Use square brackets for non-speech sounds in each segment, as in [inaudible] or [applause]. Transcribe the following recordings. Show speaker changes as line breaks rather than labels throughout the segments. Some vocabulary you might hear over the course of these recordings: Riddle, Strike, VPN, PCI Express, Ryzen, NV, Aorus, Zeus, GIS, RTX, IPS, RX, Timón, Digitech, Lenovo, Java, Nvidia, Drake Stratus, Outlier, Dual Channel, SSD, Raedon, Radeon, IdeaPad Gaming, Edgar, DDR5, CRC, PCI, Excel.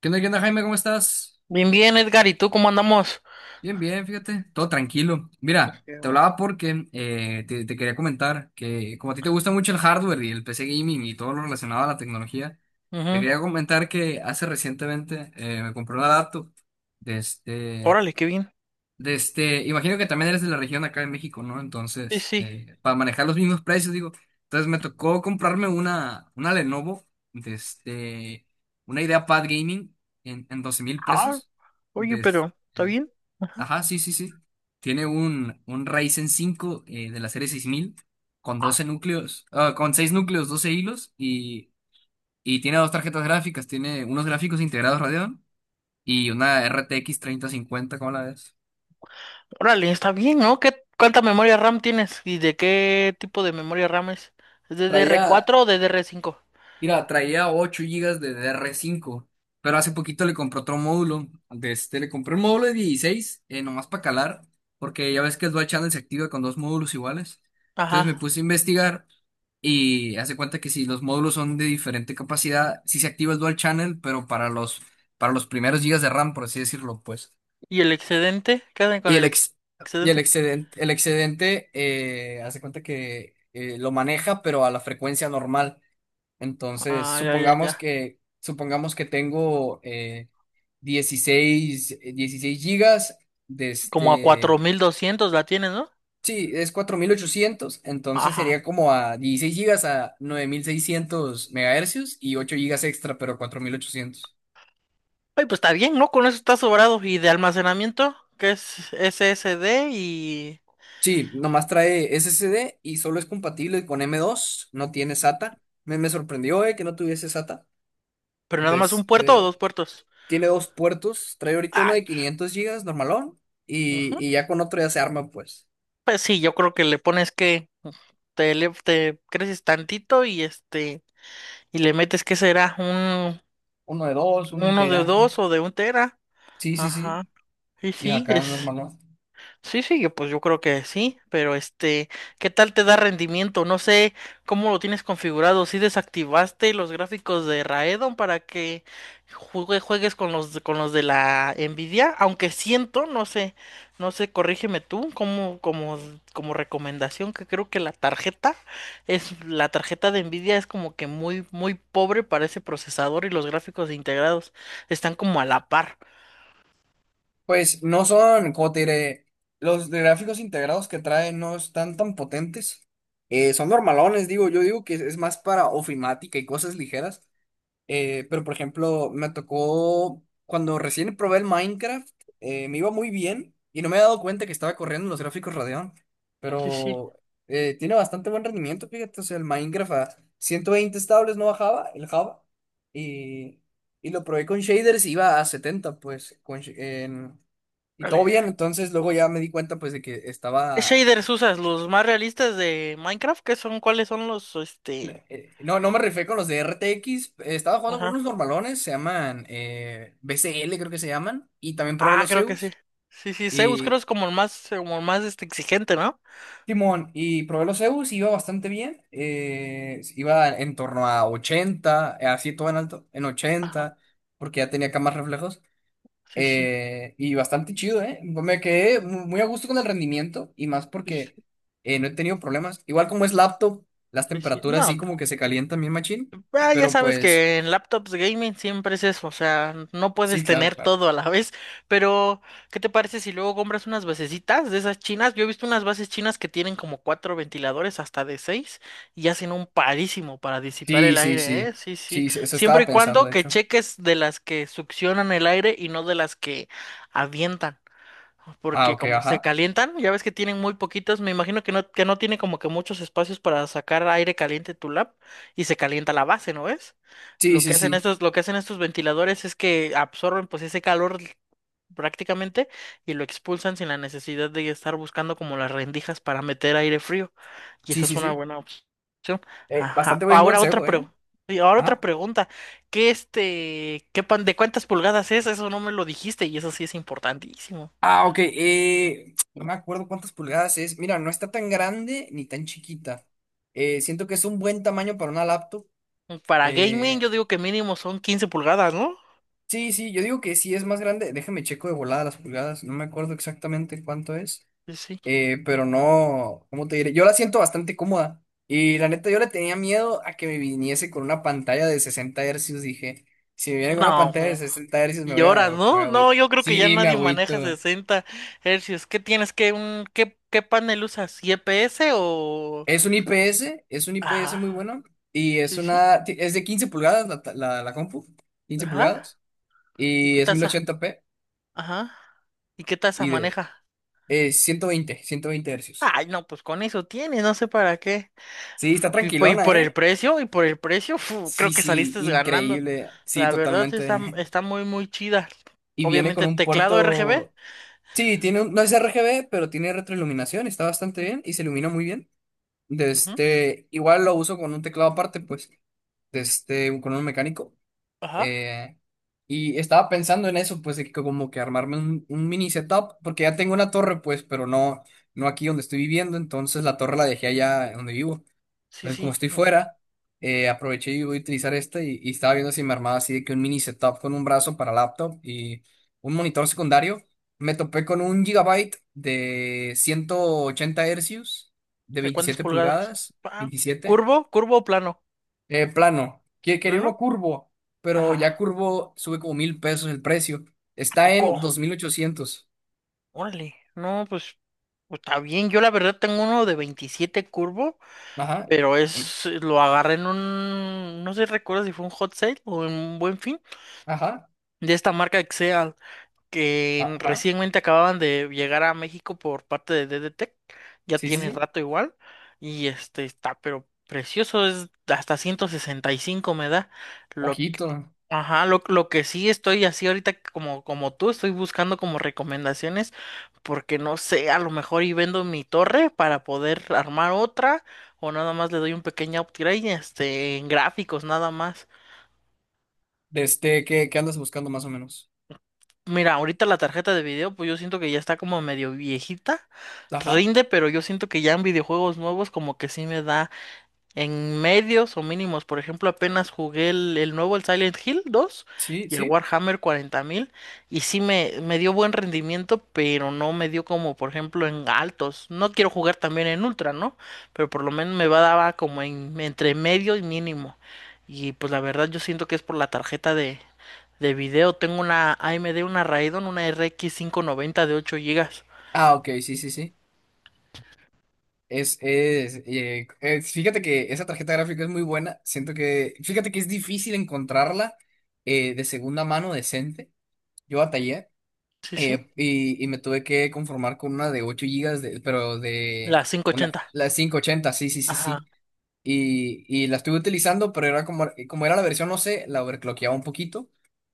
Qué onda, Jaime? ¿Cómo estás?
Bien, bien, Edgar, ¿y tú cómo andamos?
Bien, bien, fíjate, todo tranquilo. Mira,
Qué
te
bueno.
hablaba porque te quería comentar que como a ti te gusta mucho el hardware y el PC gaming y todo lo relacionado a la tecnología, te
Ujú.
quería comentar que hace recientemente me compré una laptop.
Órale, qué bien.
Imagino que también eres de la región acá en México, ¿no?
Sí,
Entonces,
sí.
para manejar los mismos precios, digo, entonces me tocó comprarme una Lenovo, de este, una IdeaPad Gaming en doce mil
Ah,
pesos.
oye,
De este,
pero, ¿está bien?
ajá, sí, sí, sí. Tiene un Ryzen 5 de la serie 6000 con 12 núcleos, ah, con 6 núcleos, 12 hilos y tiene dos tarjetas gráficas, tiene unos gráficos integrados Radeon y una RTX 50. ¿Cómo la ves?
Órale, está bien, ¿no? ¿Cuánta memoria RAM tienes? ¿Y de qué tipo de memoria RAM es? ¿Es
Traía
DDR4 o DDR5?
Mira, traía 8 gigas de dr cinco, pero hace poquito le compré otro módulo. Le compré un módulo de 16, nomás para calar, porque ya ves que el Dual Channel se activa con dos módulos iguales. Entonces me
Ajá.
puse a investigar y hace cuenta que si los módulos son de diferente capacidad, sí se activa el Dual Channel, pero para los primeros gigas de RAM, por así decirlo, pues.
¿Y el excedente? ¿Qué hacen con
Y el,
el ex-
ex, y el
excedente?
excedente, hace cuenta que lo maneja, pero a la frecuencia normal. Entonces,
Ah, ya, ya, ya.
supongamos que tengo 16 16 gigas. de
Como a cuatro
este...
mil doscientos la tienes, ¿no?
Sí, es 4800, entonces
Ajá.
sería como a 16 gigas a 9600 MHz y 8 gigas extra, pero 4800.
Ay, pues está bien, ¿no? Con eso está sobrado. ¿Y de almacenamiento? ¿Qué es SSD y
Sí, nomás trae SSD y solo es compatible con M.2, no tiene SATA. Me sorprendió que no tuviese SATA.
pero nada
De
más un puerto o
este,
dos puertos?
Tiene dos puertos, trae ahorita uno
Ay,
de 500 gigas normalón y ya con otro ya se arma pues.
pues sí, yo creo que le pones que te creces tantito y y le metes que será un
Uno de dos, un
uno de
tera.
dos o de un tera.
Sí, sí, sí.
Ajá. Y
Y
sí,
acá
es.
normalón.
Sí, sí, que pues yo creo que sí, pero ¿qué tal te da rendimiento? No sé cómo lo tienes configurado, si desactivaste los gráficos de Raedon para que juegues con los de la Nvidia, aunque siento, no sé, no sé, corrígeme tú, como recomendación, que creo que la tarjeta la tarjeta de Nvidia es como que muy, muy pobre para ese procesador y los gráficos integrados están como a la par.
Pues no son, como te diré, los de gráficos integrados que trae no están tan potentes. Son normalones, digo, yo digo que es más para ofimática y cosas ligeras. Pero por ejemplo, me tocó cuando recién probé el Minecraft, me iba muy bien y no me había dado cuenta que estaba corriendo en los gráficos Radeon.
Sí, sí.
Pero tiene bastante buen rendimiento, fíjate. O sea, el Minecraft a 120 estables no bajaba, el Java. Y, y lo probé con shaders, y iba a 70 pues. Y todo
Vale.
bien, entonces luego ya me di cuenta, pues, de que
¿Qué
estaba.
shaders usas? ¿Los más realistas de Minecraft? ¿Qué son? ¿Cuáles son los?
No, no me refiero con los de RTX. Estaba jugando con
Ajá.
unos normalones, se llaman BCL creo que se llaman. Y también probé
Ah,
los
creo que sí.
Zeus.
Sí, sí, Zeus creo
Y
es como el más exigente, ¿no?
Timón, y probé los Zeus, iba bastante bien. Iba en torno a 80, así todo en alto, en
Ajá.
80, porque ya tenía acá más reflejos.
Sí, sí.
Y bastante chido, ¿eh? Me quedé muy a gusto con el rendimiento y más
Sí, sí.
porque no he tenido problemas. Igual como es laptop, las
Sí, sí.
temperaturas sí
No.
como que se calientan bien machín,
Ah, ya
pero
sabes
pues
que en laptops gaming siempre es eso, o sea, no
sí,
puedes
claro,
tener
claro.
todo a la [laughs] vez, pero ¿qué te parece si luego compras unas basecitas de esas chinas? Yo he visto unas bases chinas que tienen como cuatro ventiladores hasta de seis y hacen un parísimo para disipar
Sí,
el
sí,
aire, ¿eh?
sí.
Sí, sí.
Sí, eso estaba
Siempre y
pensando,
cuando
de
que
hecho.
cheques de las que succionan el aire y no de las que avientan.
Ah,
Porque
ok,
como se
ajá.
calientan, ya ves que tienen muy poquitos, me imagino que no tiene como que muchos espacios para sacar aire caliente tu lab y se calienta la base, ¿no ves?
Sí,
Lo
sí,
que hacen
sí.
estos, lo que hacen estos ventiladores es que absorben pues ese calor prácticamente y lo expulsan sin la necesidad de estar buscando como las rendijas para meter aire frío. Y
Sí,
esa es
sí,
una
sí.
buena opción.
Bastante
Ajá.
buen
Ahora otra
consejo, ¿eh?
pregunta. Ahora otra
Ajá.
pregunta. ¿Qué este, qué pan, de cuántas pulgadas es? Eso no me lo dijiste y eso sí es importantísimo.
Ah, ok. [tsk] No me acuerdo cuántas pulgadas es. Mira, no está tan grande ni tan chiquita. Siento que es un buen tamaño para una laptop.
Para gaming, yo
Eh,
digo que mínimo son 15 pulgadas, ¿no?
sí, sí, yo digo que sí es más grande. Déjame checo de volada las pulgadas. No me acuerdo exactamente cuánto es.
Sí, sí.
Pero no, ¿cómo te diré? Yo la siento bastante cómoda. Y la neta, yo le tenía miedo a que me viniese con una pantalla de 60 hercios. Dije, si me viene con una
No,
pantalla de
no,
60 hercios,
y horas, ¿no?
Me
No,
voy.
yo creo que ya
Sí, me
nadie maneja
agüito.
60 hercios. ¿Qué tienes? ¿Qué panel usas? ¿IPS o?
Es un IPS, es un IPS
Ajá,
muy bueno.
sí, sí.
Es de 15 pulgadas la compu. 15
Ajá.
pulgadas.
¿Y
Y
qué
es
tasa?
1080p.
Ajá. ¿Y qué tasa
Y de...
maneja?
120 hercios.
Ay, no, pues con eso tienes, no sé para qué.
Sí, está
Y
tranquilona,
por el
¿eh?
precio,
Sí,
creo que
sí,
saliste ganando.
increíble. Sí,
La verdad sí está,
totalmente.
está
[laughs]
muy, muy chida.
Y viene con
Obviamente,
un
teclado RGB.
puerto. Sí, no es RGB, pero tiene retroiluminación, está bastante bien y se ilumina muy bien. De
Ujú,
este, igual lo uso con un teclado aparte, pues, con un mecánico.
ajá.
Eh, y estaba pensando en eso, pues, de que como que armarme un mini setup, porque ya tengo una torre, pues, pero no, no aquí donde estoy viviendo, entonces la torre la dejé allá donde vivo.
Sí,
Entonces, como
sí.
estoy fuera, aproveché y voy a utilizar esta y estaba viendo si me armaba así de que un mini setup con un brazo para laptop y un monitor secundario. Me topé con un gigabyte de 180 hercios de
¿De cuántas
27
pulgadas?
pulgadas,
Ah,
27,
¿curvo? ¿Curvo o plano?
plano. Quería uno
¿Plano?
curvo, pero ya
Ajá.
curvo sube como $1,000 el precio.
¿A
Está
poco?
en 2800.
Órale. No, pues, está bien. Yo la verdad tengo uno de 27 curvo,
Ajá,
pero es lo agarré en un, no sé, recuerdo si fue un hot sale o en un buen fin
ajá,
de esta marca Excel. Que
ajá.
recientemente acababan de llegar a México por parte de DDTech, ya
Sí, sí,
tiene
sí.
rato igual, y este está, pero precioso, es hasta 165 me da, lo que-
Ojito.
ajá, lo que sí estoy así ahorita como tú, estoy buscando como recomendaciones, porque no sé, a lo mejor y vendo mi torre para poder armar otra, o nada más le doy un pequeño upgrade, en gráficos nada más.
¿Qué andas buscando más o menos?
Mira, ahorita la tarjeta de video, pues yo siento que ya está como medio viejita,
Ajá.
rinde, pero yo siento que ya en videojuegos nuevos como que sí me da en medios o mínimos. Por ejemplo, apenas jugué el nuevo, el Silent Hill 2
Sí,
y el
sí.
Warhammer 40.000 y sí me dio buen rendimiento, pero no me dio como, por ejemplo, en altos. No quiero jugar también en ultra, ¿no? Pero por lo menos me va daba como en, entre medio y mínimo. Y pues la verdad yo siento que es por la tarjeta de video. Tengo una AMD, una Raidon, una RX 90 de 8 gigas.
Ah, ok, sí, sí, sí. Fíjate que esa tarjeta gráfica es muy buena. Fíjate que es difícil encontrarla de segunda mano decente. Yo batallé,
Sí, sí,
y me tuve que conformar con una de 8 gigas, pero de
la quinientos
una,
ochenta.
la 580. Sí, sí, sí,
Ajá,
sí. Y la estuve utilizando, pero era como, como era la versión, no sé, la overclockeaba un poquito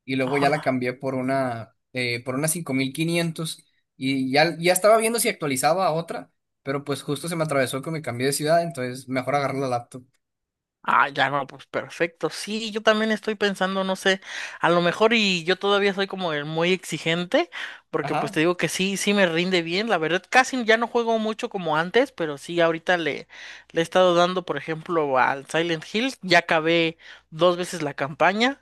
y luego ya la
ajá.
cambié por una, por una 5500. Y ya estaba viendo si actualizaba a otra, pero pues justo se me atravesó que me cambié de ciudad, entonces mejor agarré la laptop.
Ah, ya no, pues perfecto. Sí, yo también estoy pensando, no sé, a lo mejor y yo todavía soy como el muy exigente, porque pues
Ajá,
te digo que sí, sí me rinde bien. La verdad, casi ya no juego mucho como antes, pero sí, ahorita le he estado dando, por ejemplo, al Silent Hill. Ya acabé dos veces la campaña.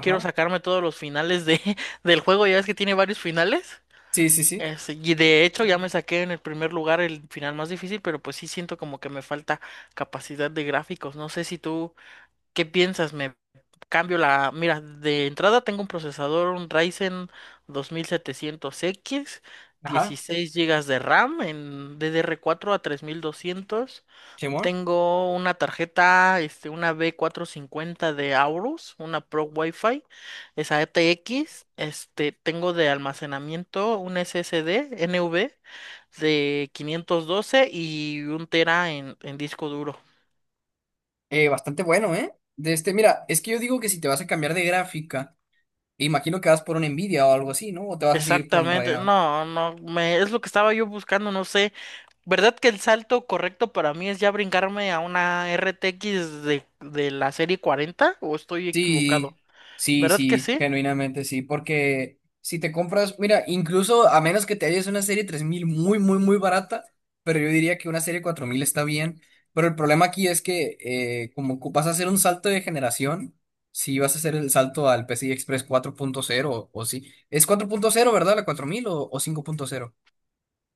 Quiero sacarme todos los finales de, [laughs] del juego, ya ves que tiene varios finales.
sí, sí,
Y de hecho ya me
sí.
saqué en el primer lugar el final más difícil, pero pues sí siento como que me falta capacidad de gráficos. No sé si tú, ¿qué piensas? Me cambio la. Mira, de entrada tengo un procesador, un Ryzen 2700X,
Ajá,
16 gigas de RAM en DDR4 a 3,200.
Simón.
Tengo una tarjeta, una B450 de Aorus, una Pro Wi-Fi, esa ETX. Tengo de almacenamiento un SSD NV de 512 y un tera en disco duro.
Bastante bueno, ¿eh? Mira, es que yo digo que si te vas a cambiar de gráfica, imagino que vas por una Nvidia o algo así, ¿no? O te vas a seguir por un
Exactamente,
Radeon.
no, no, me, es lo que estaba yo buscando, no sé. ¿Verdad que el salto correcto para mí es ya brincarme a una RTX de la serie 40 o estoy equivocado?
Sí, sí,
¿Verdad que
sí,
sí?
genuinamente sí, porque si te compras, mira, incluso a menos que te hayas una serie 3000 muy, muy, muy barata, pero yo diría que una serie 4000 está bien, pero el problema aquí es que vas a hacer un salto de generación, si vas a hacer el salto al PCI Express 4.0 o sí, es 4.0, ¿verdad? La 4000 o 5.0.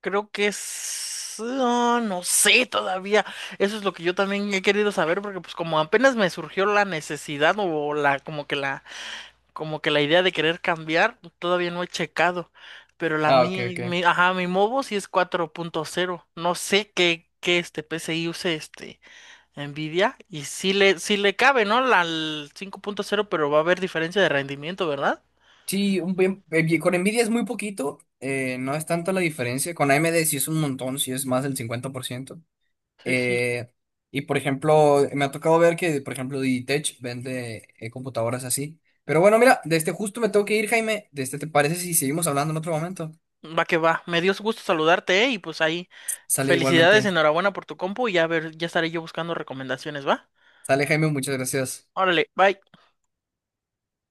Creo que es, ah, no sé todavía. Eso es lo que yo también he querido saber, porque pues como apenas me surgió la necesidad o la idea de querer cambiar, todavía no he checado. Pero la
Ah, ok,
mi,
ok.
mi ajá, mi mobo sí es 4.0. No sé qué PCI use Nvidia y sí le cabe, ¿no? La el 5.0, pero va a haber diferencia de rendimiento, ¿verdad?
Sí, con Nvidia es muy poquito, no es tanto la diferencia, con AMD sí es un montón, sí es más del 50%.
Sí, sí.
Eh, y por ejemplo, me ha tocado ver que, por ejemplo, Digitech vende computadoras así. Pero bueno, mira, de este justo me tengo que ir, Jaime. ¿Te parece si seguimos hablando en otro momento?
Va que va. Me dio gusto saludarte, ¿eh? Y pues ahí,
Sale
felicidades,
igualmente.
enhorabuena por tu compu y ya ver, ya estaré yo buscando recomendaciones, ¿va?
Sale, Jaime, muchas gracias.
Órale, bye.